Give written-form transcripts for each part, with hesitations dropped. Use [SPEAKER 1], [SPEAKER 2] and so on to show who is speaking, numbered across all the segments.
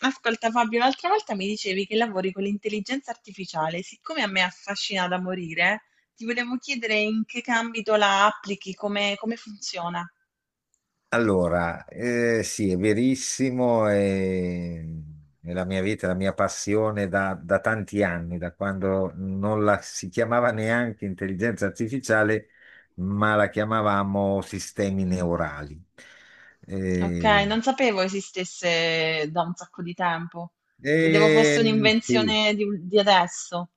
[SPEAKER 1] Ascolta Fabio, l'altra volta mi dicevi che lavori con l'intelligenza artificiale. Siccome a me affascina da morire, ti volevo chiedere in che ambito la applichi, come, come funziona.
[SPEAKER 2] Allora, sì, è verissimo, è la mia vita, la mia passione da tanti anni, da quando non la si chiamava neanche intelligenza artificiale, ma la chiamavamo sistemi neurali.
[SPEAKER 1] Ok,
[SPEAKER 2] Eh,
[SPEAKER 1] non sapevo esistesse da un sacco di tempo, credevo fosse
[SPEAKER 2] sì,
[SPEAKER 1] un'invenzione di adesso.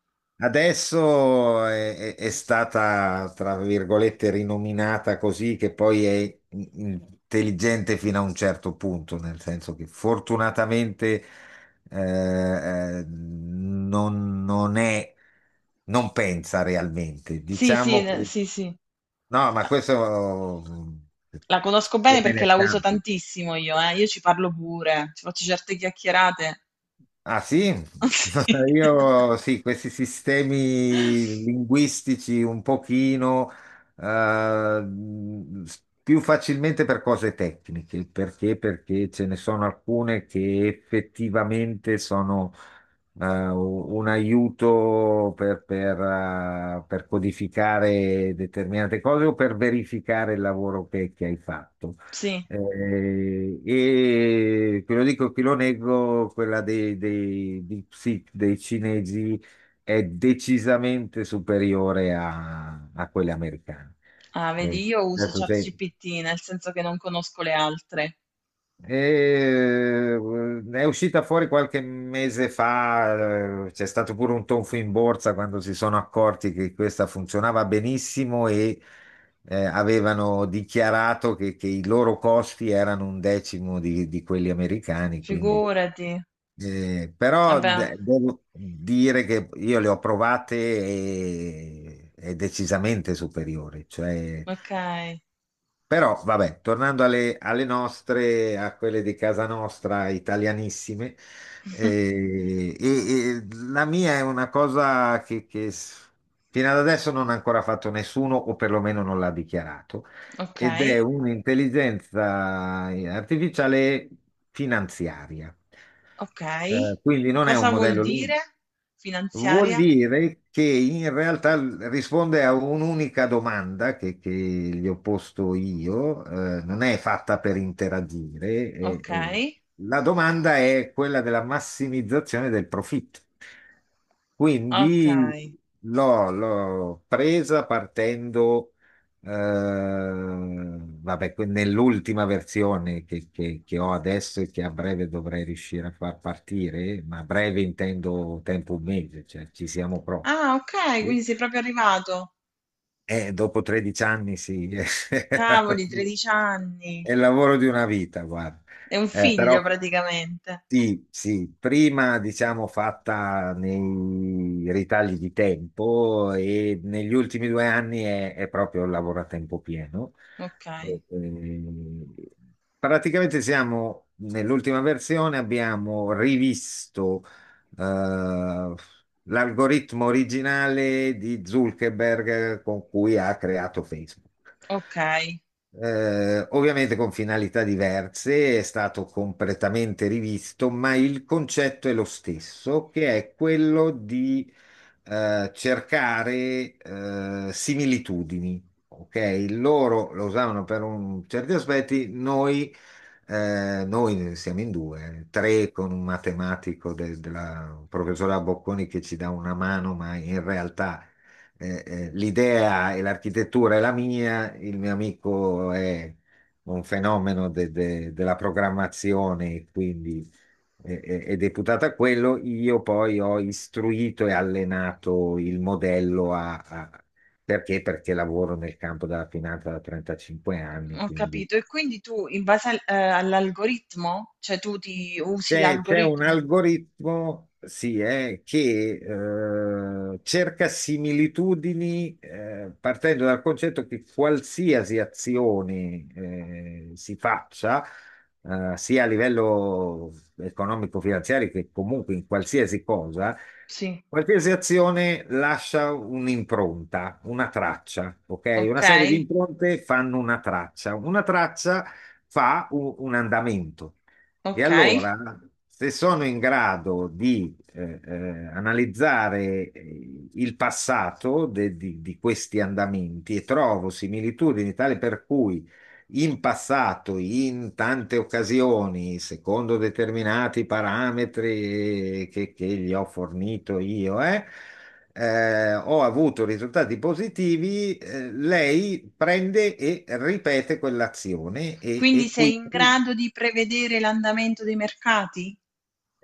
[SPEAKER 2] adesso è stata, tra virgolette, rinominata così, che poi è intelligente fino a un certo punto, nel senso che fortunatamente non è, non pensa realmente. Diciamo che,
[SPEAKER 1] Sì.
[SPEAKER 2] no, ma questo mm,
[SPEAKER 1] La conosco
[SPEAKER 2] io
[SPEAKER 1] bene
[SPEAKER 2] me
[SPEAKER 1] perché
[SPEAKER 2] ne
[SPEAKER 1] la uso
[SPEAKER 2] scampo.
[SPEAKER 1] tantissimo io, eh. Io ci parlo pure, ci faccio certe chiacchierate.
[SPEAKER 2] Ah sì, io sì, questi sistemi linguistici un pochino eh, più facilmente per cose tecniche, perché? Perché ce ne sono alcune che effettivamente sono un aiuto per codificare determinate cose o per verificare il lavoro che hai fatto.
[SPEAKER 1] Sì.
[SPEAKER 2] E ve lo dico, e chi lo nego, quella dei cinesi è decisamente superiore a quelle americane.
[SPEAKER 1] Ah, vedi,
[SPEAKER 2] Eh,
[SPEAKER 1] io uso
[SPEAKER 2] certo,
[SPEAKER 1] ChatGPT, nel senso che non conosco le altre.
[SPEAKER 2] è uscita fuori qualche mese fa, c'è stato pure un tonfo in borsa quando si sono accorti che questa funzionava benissimo e avevano dichiarato che i loro costi erano un decimo di quelli americani, quindi.
[SPEAKER 1] Figurati.
[SPEAKER 2] Però
[SPEAKER 1] Vabbè,
[SPEAKER 2] devo dire che io le ho provate e è decisamente superiore, cioè
[SPEAKER 1] ok.
[SPEAKER 2] però, vabbè, tornando alle nostre, a quelle di casa nostra, italianissime, e la mia è una cosa che fino ad adesso non ha ancora fatto nessuno, o perlomeno non l'ha dichiarato,
[SPEAKER 1] Ok,
[SPEAKER 2] ed è un'intelligenza artificiale finanziaria.
[SPEAKER 1] ok.
[SPEAKER 2] Quindi non è un
[SPEAKER 1] Cosa vuol
[SPEAKER 2] modello, lì.
[SPEAKER 1] dire
[SPEAKER 2] Vuol
[SPEAKER 1] finanziaria?
[SPEAKER 2] dire che in realtà risponde a un'unica domanda che gli ho posto io, non è fatta per interagire.
[SPEAKER 1] Ok,
[SPEAKER 2] La domanda è quella della massimizzazione del profitto.
[SPEAKER 1] ok.
[SPEAKER 2] Quindi l'ho presa partendo vabbè, nell'ultima versione che ho adesso e che a breve dovrei riuscire a far partire, ma a breve intendo tempo un mese, cioè ci siamo proprio.
[SPEAKER 1] Ah, ok, quindi sei proprio arrivato.
[SPEAKER 2] Dopo 13 anni sì, è
[SPEAKER 1] Cavoli, 13 anni.
[SPEAKER 2] il lavoro di una vita, guarda.
[SPEAKER 1] È un
[SPEAKER 2] Eh,
[SPEAKER 1] figlio
[SPEAKER 2] però
[SPEAKER 1] praticamente.
[SPEAKER 2] sì, sì, prima diciamo fatta nei ritagli di tempo e negli ultimi 2 anni è proprio il lavoro a tempo pieno.
[SPEAKER 1] Ok,
[SPEAKER 2] Eh, eh, praticamente siamo nell'ultima versione, abbiamo rivisto eh, l'algoritmo originale di Zuckerberg con cui ha creato Facebook.
[SPEAKER 1] ok.
[SPEAKER 2] Ovviamente con finalità diverse, è stato completamente rivisto, ma il concetto è lo stesso, che è quello di cercare similitudini. Ok, loro lo usavano per certi aspetti, noi noi siamo in due, tre con un matematico della professora Bocconi che ci dà una mano, ma in realtà l'idea e l'architettura è la mia, il mio amico è un fenomeno della programmazione, quindi è deputato a quello. Io poi ho istruito e allenato il modello perché? Perché lavoro nel campo della finanza da 35 anni,
[SPEAKER 1] Ho
[SPEAKER 2] quindi
[SPEAKER 1] capito. E quindi tu, in base all'algoritmo, cioè tu ti usi
[SPEAKER 2] c'è un
[SPEAKER 1] l'algoritmo?
[SPEAKER 2] algoritmo, sì, che cerca similitudini partendo dal concetto che qualsiasi azione si faccia, sia a livello economico-finanziario che comunque in qualsiasi cosa,
[SPEAKER 1] Sì.
[SPEAKER 2] qualsiasi azione lascia un'impronta, una traccia, ok? Una serie di
[SPEAKER 1] Okay,
[SPEAKER 2] impronte fanno una traccia. Una traccia fa un andamento. E
[SPEAKER 1] okay.
[SPEAKER 2] allora, se sono in grado di analizzare il passato di questi andamenti e trovo similitudini tale per cui in passato, in tante occasioni, secondo determinati parametri che gli ho fornito io, ho avuto risultati positivi, lei prende e ripete quell'azione
[SPEAKER 1] Quindi
[SPEAKER 2] e
[SPEAKER 1] sei in
[SPEAKER 2] quindi
[SPEAKER 1] grado di prevedere l'andamento dei mercati?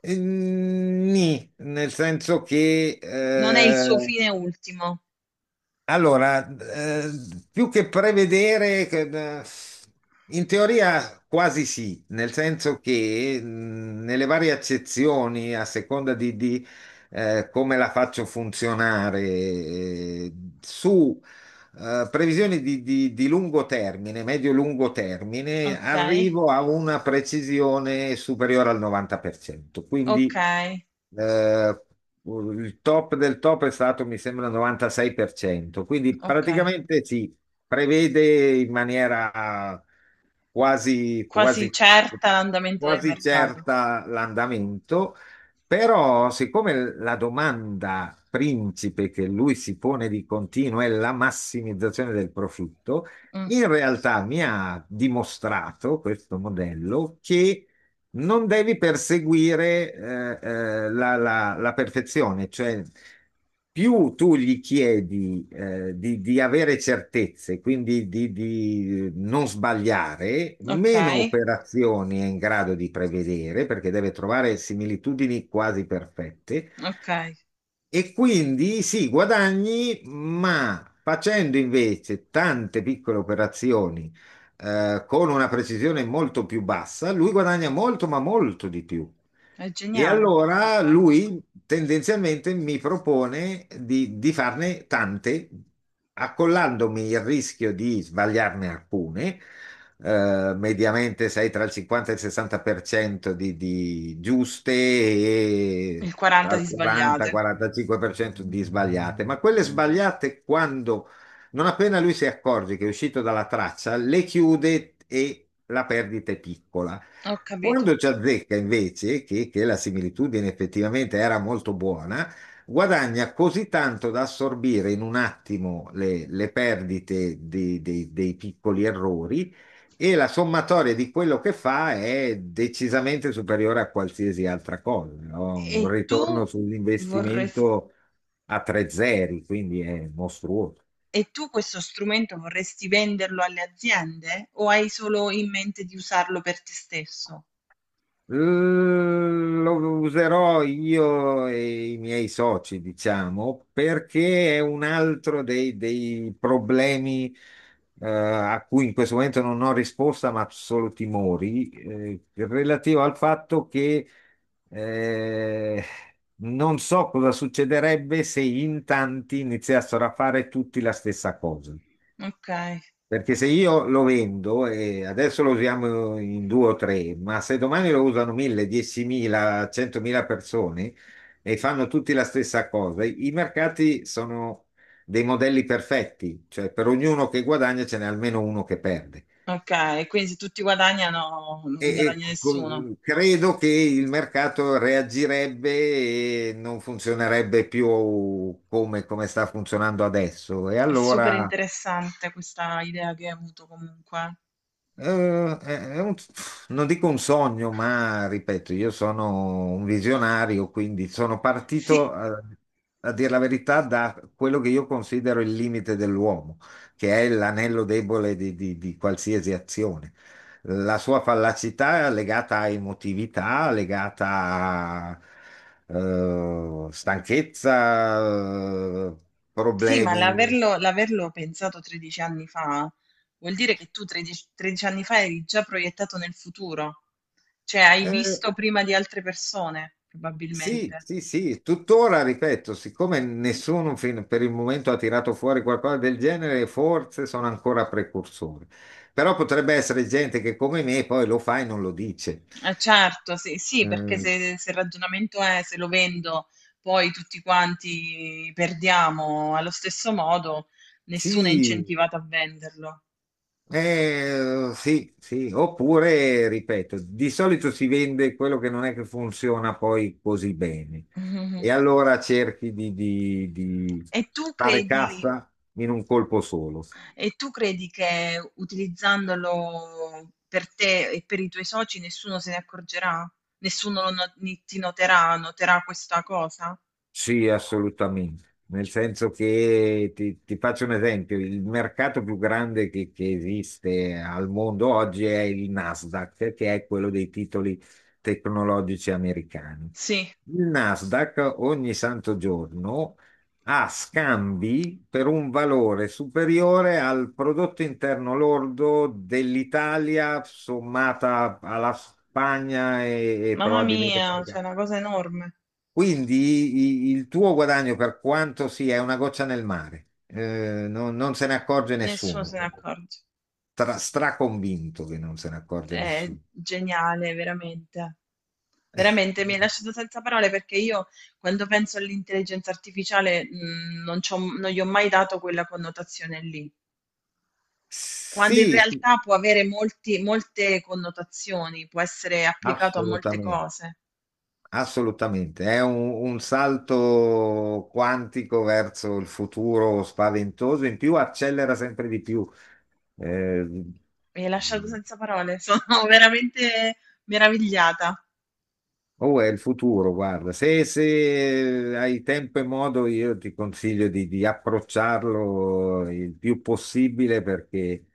[SPEAKER 2] Nì, nel senso che
[SPEAKER 1] Non è il suo fine ultimo.
[SPEAKER 2] allora eh, più che prevedere, in teoria quasi sì, nel senso che nelle varie accezioni, a seconda come la faccio funzionare, su previsioni di lungo termine, medio-lungo termine,
[SPEAKER 1] Okay,
[SPEAKER 2] arrivo a una precisione superiore al 90%. Quindi
[SPEAKER 1] okay,
[SPEAKER 2] eh, il top del top è stato, mi sembra, 96%, quindi
[SPEAKER 1] okay.
[SPEAKER 2] praticamente si prevede in maniera quasi,
[SPEAKER 1] Quasi
[SPEAKER 2] quasi,
[SPEAKER 1] certa l'andamento del
[SPEAKER 2] quasi
[SPEAKER 1] mercato.
[SPEAKER 2] certa l'andamento, però siccome la domanda principe che lui si pone di continuo è la massimizzazione del profitto,
[SPEAKER 1] Mh,
[SPEAKER 2] in realtà mi ha dimostrato questo modello che non devi perseguire la perfezione, cioè più tu gli chiedi di avere certezze, quindi di non sbagliare, meno
[SPEAKER 1] okay,
[SPEAKER 2] operazioni è in grado di prevedere perché deve trovare similitudini quasi perfette
[SPEAKER 1] okay.
[SPEAKER 2] e quindi sì, guadagni, ma facendo invece tante piccole operazioni con una precisione molto più bassa, lui guadagna molto, ma molto di più.
[SPEAKER 1] È
[SPEAKER 2] E
[SPEAKER 1] geniale
[SPEAKER 2] allora
[SPEAKER 1] comunque.
[SPEAKER 2] lui tendenzialmente mi propone di farne tante, accollandomi il rischio di sbagliarne alcune, mediamente sei tra il 50 e il 60% di giuste
[SPEAKER 1] Eh.
[SPEAKER 2] e
[SPEAKER 1] Il
[SPEAKER 2] tra
[SPEAKER 1] 40
[SPEAKER 2] il
[SPEAKER 1] di sbagliate.
[SPEAKER 2] 40-45% di sbagliate, ma quelle sbagliate quando, non appena lui si accorge che è uscito dalla traccia, le chiude e la perdita è piccola.
[SPEAKER 1] Ho capito.
[SPEAKER 2] Quando ci azzecca invece, che la similitudine effettivamente era molto buona, guadagna così tanto da assorbire in un attimo le perdite dei piccoli errori e la sommatoria di quello che fa è decisamente superiore a qualsiasi altra cosa. No?
[SPEAKER 1] E
[SPEAKER 2] Un
[SPEAKER 1] tu
[SPEAKER 2] ritorno
[SPEAKER 1] vorres
[SPEAKER 2] sull'investimento a tre zeri, quindi è mostruoso.
[SPEAKER 1] e tu questo strumento vorresti venderlo alle aziende o hai solo in mente di usarlo per te stesso?
[SPEAKER 2] Lo userò io e i miei soci, diciamo, perché è un altro dei problemi a cui in questo momento non ho risposta, ma solo timori, relativo al fatto che eh, non so cosa succederebbe se in tanti iniziassero a fare tutti la stessa cosa.
[SPEAKER 1] Okay.
[SPEAKER 2] Perché se io lo vendo e adesso lo usiamo in due o tre, ma se domani lo usano mille, 10.000, 100.000 persone e fanno tutti la stessa cosa, i mercati sono dei modelli perfetti, cioè per ognuno che guadagna ce n'è almeno uno che perde.
[SPEAKER 1] Okay, quindi se tutti guadagnano, non guadagna nessuno.
[SPEAKER 2] Credo che il mercato reagirebbe e non funzionerebbe più come sta funzionando adesso. E
[SPEAKER 1] È super
[SPEAKER 2] allora
[SPEAKER 1] interessante questa idea che hai avuto comunque.
[SPEAKER 2] Eh, è un- non dico un sogno, ma ripeto, io sono un visionario, quindi sono
[SPEAKER 1] Sì,
[SPEAKER 2] partito, a dire la verità, da quello che io considero il limite dell'uomo, che è l'anello debole di qualsiasi azione. La sua fallacità è legata a emotività, legata a stanchezza, eh,
[SPEAKER 1] sì, ma
[SPEAKER 2] problemi.
[SPEAKER 1] l'averlo pensato 13 anni fa vuol dire che tu 13 anni fa eri già proiettato nel futuro. Cioè, hai
[SPEAKER 2] eh,
[SPEAKER 1] visto prima di altre persone,
[SPEAKER 2] Sì,
[SPEAKER 1] probabilmente.
[SPEAKER 2] sì, sì, tuttora ripeto, siccome nessuno per il momento ha tirato fuori qualcosa del genere, forse sono ancora precursori. Però potrebbe essere gente che come me poi lo fa e non lo dice.
[SPEAKER 1] Eh certo, sì, sì, perché
[SPEAKER 2] Mm,
[SPEAKER 1] se il ragionamento è "se lo vendo poi tutti quanti perdiamo allo stesso modo", nessuno è
[SPEAKER 2] sì,
[SPEAKER 1] incentivato a venderlo.
[SPEAKER 2] sì, sì, oppure, ripeto, di solito si vende quello che non è che funziona poi così bene
[SPEAKER 1] Mhm.
[SPEAKER 2] e allora cerchi di
[SPEAKER 1] E tu
[SPEAKER 2] fare
[SPEAKER 1] credi,
[SPEAKER 2] cassa in un colpo solo.
[SPEAKER 1] e tu credi che utilizzandolo per te e per i tuoi soci nessuno se ne accorgerà? Nessuno lo no- ni- ti noterà, noterà questa cosa?
[SPEAKER 2] Sì, assolutamente. Nel senso che ti faccio un esempio, il mercato più grande che esiste al mondo oggi è il Nasdaq, che è quello dei titoli tecnologici americani.
[SPEAKER 1] Sì,
[SPEAKER 2] Il Nasdaq ogni santo giorno ha scambi per un valore superiore al prodotto interno lordo dell'Italia sommata alla Spagna e
[SPEAKER 1] mamma
[SPEAKER 2] probabilmente
[SPEAKER 1] mia, c'è
[SPEAKER 2] qualche,
[SPEAKER 1] una cosa enorme.
[SPEAKER 2] quindi il tuo guadagno, per quanto sia, è una goccia nel mare. Non se ne accorge
[SPEAKER 1] Nessuno
[SPEAKER 2] nessuno.
[SPEAKER 1] se ne accorge.
[SPEAKER 2] Tra, straconvinto che non se ne accorge
[SPEAKER 1] È
[SPEAKER 2] nessuno.
[SPEAKER 1] geniale, veramente.
[SPEAKER 2] Eh,
[SPEAKER 1] Veramente mi hai lasciato senza parole, perché io quando penso all'intelligenza artificiale non gli ho mai dato quella connotazione lì, quando in
[SPEAKER 2] sì, sì,
[SPEAKER 1] realtà può avere molte connotazioni, può essere applicato a molte
[SPEAKER 2] assolutamente,
[SPEAKER 1] cose.
[SPEAKER 2] assolutamente. È un salto quantico verso il futuro spaventoso, in più accelera sempre di più. Eh,
[SPEAKER 1] Mi hai lasciato senza parole, sono veramente meravigliata.
[SPEAKER 2] Oh, è il futuro, guarda, se hai tempo e modo io ti consiglio di approcciarlo il più possibile perché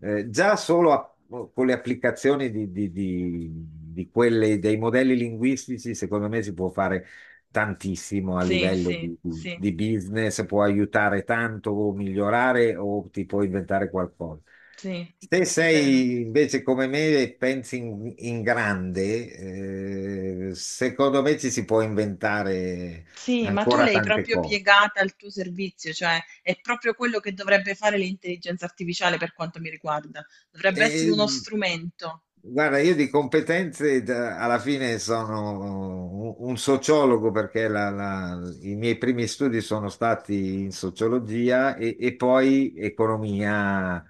[SPEAKER 2] eh, già solo a- con le applicazioni di quelle, dei modelli linguistici, secondo me si può fare tantissimo a
[SPEAKER 1] Sì,
[SPEAKER 2] livello
[SPEAKER 1] sì,
[SPEAKER 2] di, di
[SPEAKER 1] sì,
[SPEAKER 2] di business, può aiutare tanto o migliorare o ti può inventare qualcosa.
[SPEAKER 1] sì,
[SPEAKER 2] Se
[SPEAKER 1] è vero.
[SPEAKER 2] sei invece come me e pensi in grande, secondo me ci si può inventare
[SPEAKER 1] Sì, ma tu
[SPEAKER 2] ancora
[SPEAKER 1] l'hai
[SPEAKER 2] tante
[SPEAKER 1] proprio
[SPEAKER 2] cose.
[SPEAKER 1] piegata al tuo servizio, cioè è proprio quello che dovrebbe fare l'intelligenza artificiale per quanto mi riguarda. Dovrebbe essere
[SPEAKER 2] E,
[SPEAKER 1] uno strumento.
[SPEAKER 2] guarda, io di competenze alla fine sono un sociologo perché i miei primi studi sono stati in sociologia e poi economia,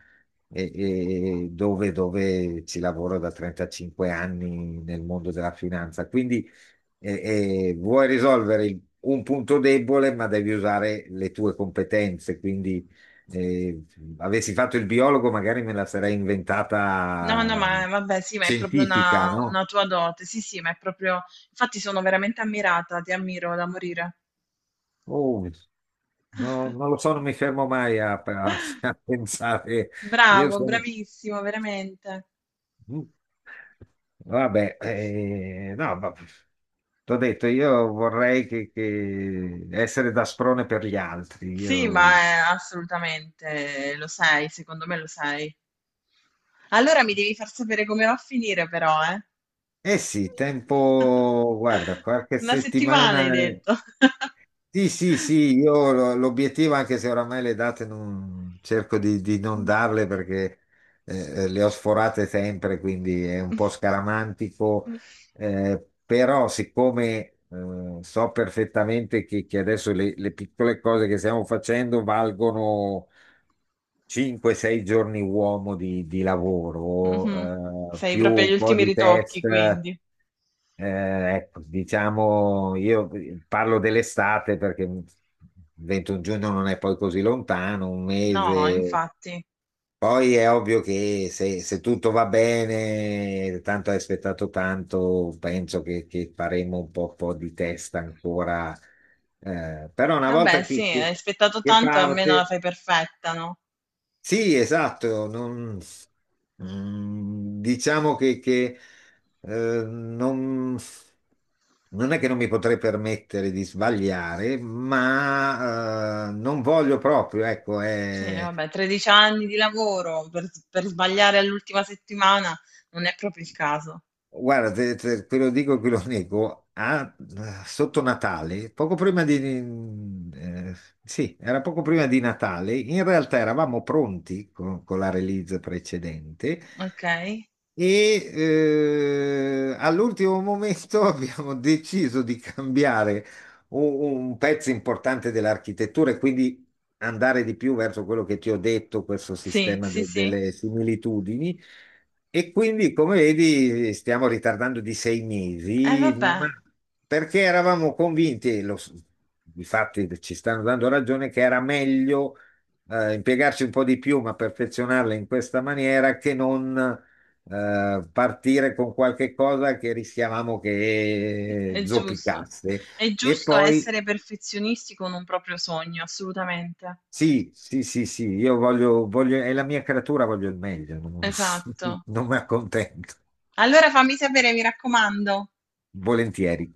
[SPEAKER 2] e- e dove, dove ci lavoro da 35 anni nel mondo della finanza. Quindi vuoi risolvere un punto debole, ma devi usare le tue competenze. Quindi e avessi fatto il biologo, magari me la sarei
[SPEAKER 1] No, no,
[SPEAKER 2] inventata
[SPEAKER 1] ma vabbè, sì, ma è proprio
[SPEAKER 2] scientifica, no?
[SPEAKER 1] una tua dote. Sì, sì, ma è proprio... Infatti sono veramente ammirata, ti ammiro da morire.
[SPEAKER 2] Oh, non lo so, non mi fermo mai a pensare. Io
[SPEAKER 1] Bravo,
[SPEAKER 2] sono.
[SPEAKER 1] bravissimo, veramente.
[SPEAKER 2] mm, Vabbè, no, ma t'ho detto, io vorrei che essere da sprone per gli altri.
[SPEAKER 1] Sì,
[SPEAKER 2] Io.
[SPEAKER 1] ma assolutamente lo sei, secondo me lo sei. Allora mi devi far sapere come va a finire, però, eh.
[SPEAKER 2] Eh sì, tempo, guarda, qualche
[SPEAKER 1] Una settimana
[SPEAKER 2] settimana.
[SPEAKER 1] hai detto.
[SPEAKER 2] Sì, sì, sì, io l'obiettivo, anche se oramai le date non, cerco di non
[SPEAKER 1] Mh.
[SPEAKER 2] darle perché eh, le ho sforate sempre, quindi è un
[SPEAKER 1] Mh.
[SPEAKER 2] po' scaramantico,
[SPEAKER 1] Mh.
[SPEAKER 2] però siccome so perfettamente che adesso le piccole cose che stiamo facendo valgono 5-6 giorni uomo di
[SPEAKER 1] Mh-mh.
[SPEAKER 2] lavoro,
[SPEAKER 1] Sei
[SPEAKER 2] più
[SPEAKER 1] proprio agli
[SPEAKER 2] un po'
[SPEAKER 1] ultimi
[SPEAKER 2] di
[SPEAKER 1] ritocchi
[SPEAKER 2] test.
[SPEAKER 1] quindi.
[SPEAKER 2] Ecco, diciamo, io parlo dell'estate perché 21 giugno non è poi così lontano, un
[SPEAKER 1] No,
[SPEAKER 2] mese.
[SPEAKER 1] infatti.
[SPEAKER 2] Poi è ovvio che se tutto va bene, tanto hai aspettato tanto, penso che faremo un po', po' di test ancora. Però una
[SPEAKER 1] Vabbè
[SPEAKER 2] volta
[SPEAKER 1] sì, hai aspettato
[SPEAKER 2] che
[SPEAKER 1] tanto, almeno la
[SPEAKER 2] parte.
[SPEAKER 1] fai perfetta, no?
[SPEAKER 2] Sì, esatto, diciamo che, non, non è che non mi potrei permettere di sbagliare, ma non voglio proprio, ecco,
[SPEAKER 1] Sì, vabbè, 13 anni di lavoro per s per sbagliare all'ultima settimana non è proprio il caso.
[SPEAKER 2] guarda, te lo dico e te lo nego, sotto Natale, poco prima di... mm, sì, era poco prima di Natale, in realtà eravamo pronti con la release precedente.
[SPEAKER 1] Okay.
[SPEAKER 2] All'ultimo momento abbiamo deciso di cambiare un pezzo importante dell'architettura e quindi andare di più verso quello che ti ho detto, questo
[SPEAKER 1] Sì,
[SPEAKER 2] sistema
[SPEAKER 1] sì, sì.
[SPEAKER 2] delle similitudini. E quindi, come vedi, stiamo ritardando di sei mesi,
[SPEAKER 1] Vabbè.
[SPEAKER 2] ma perché eravamo convinti, difatti ci stanno dando ragione, che era meglio impiegarci un po' di più, ma perfezionarla in questa maniera che non partire con qualche cosa che rischiavamo che
[SPEAKER 1] È giusto.
[SPEAKER 2] zoppicasse.
[SPEAKER 1] È
[SPEAKER 2] E
[SPEAKER 1] giusto
[SPEAKER 2] poi
[SPEAKER 1] essere perfezionisti con un proprio sogno, assolutamente.
[SPEAKER 2] sì, sì, sì, sì, io voglio, voglio, è la mia creatura, voglio il meglio, non,
[SPEAKER 1] Esatto.
[SPEAKER 2] non mi accontento,
[SPEAKER 1] Allora fammi sapere, mi raccomando.
[SPEAKER 2] volentieri.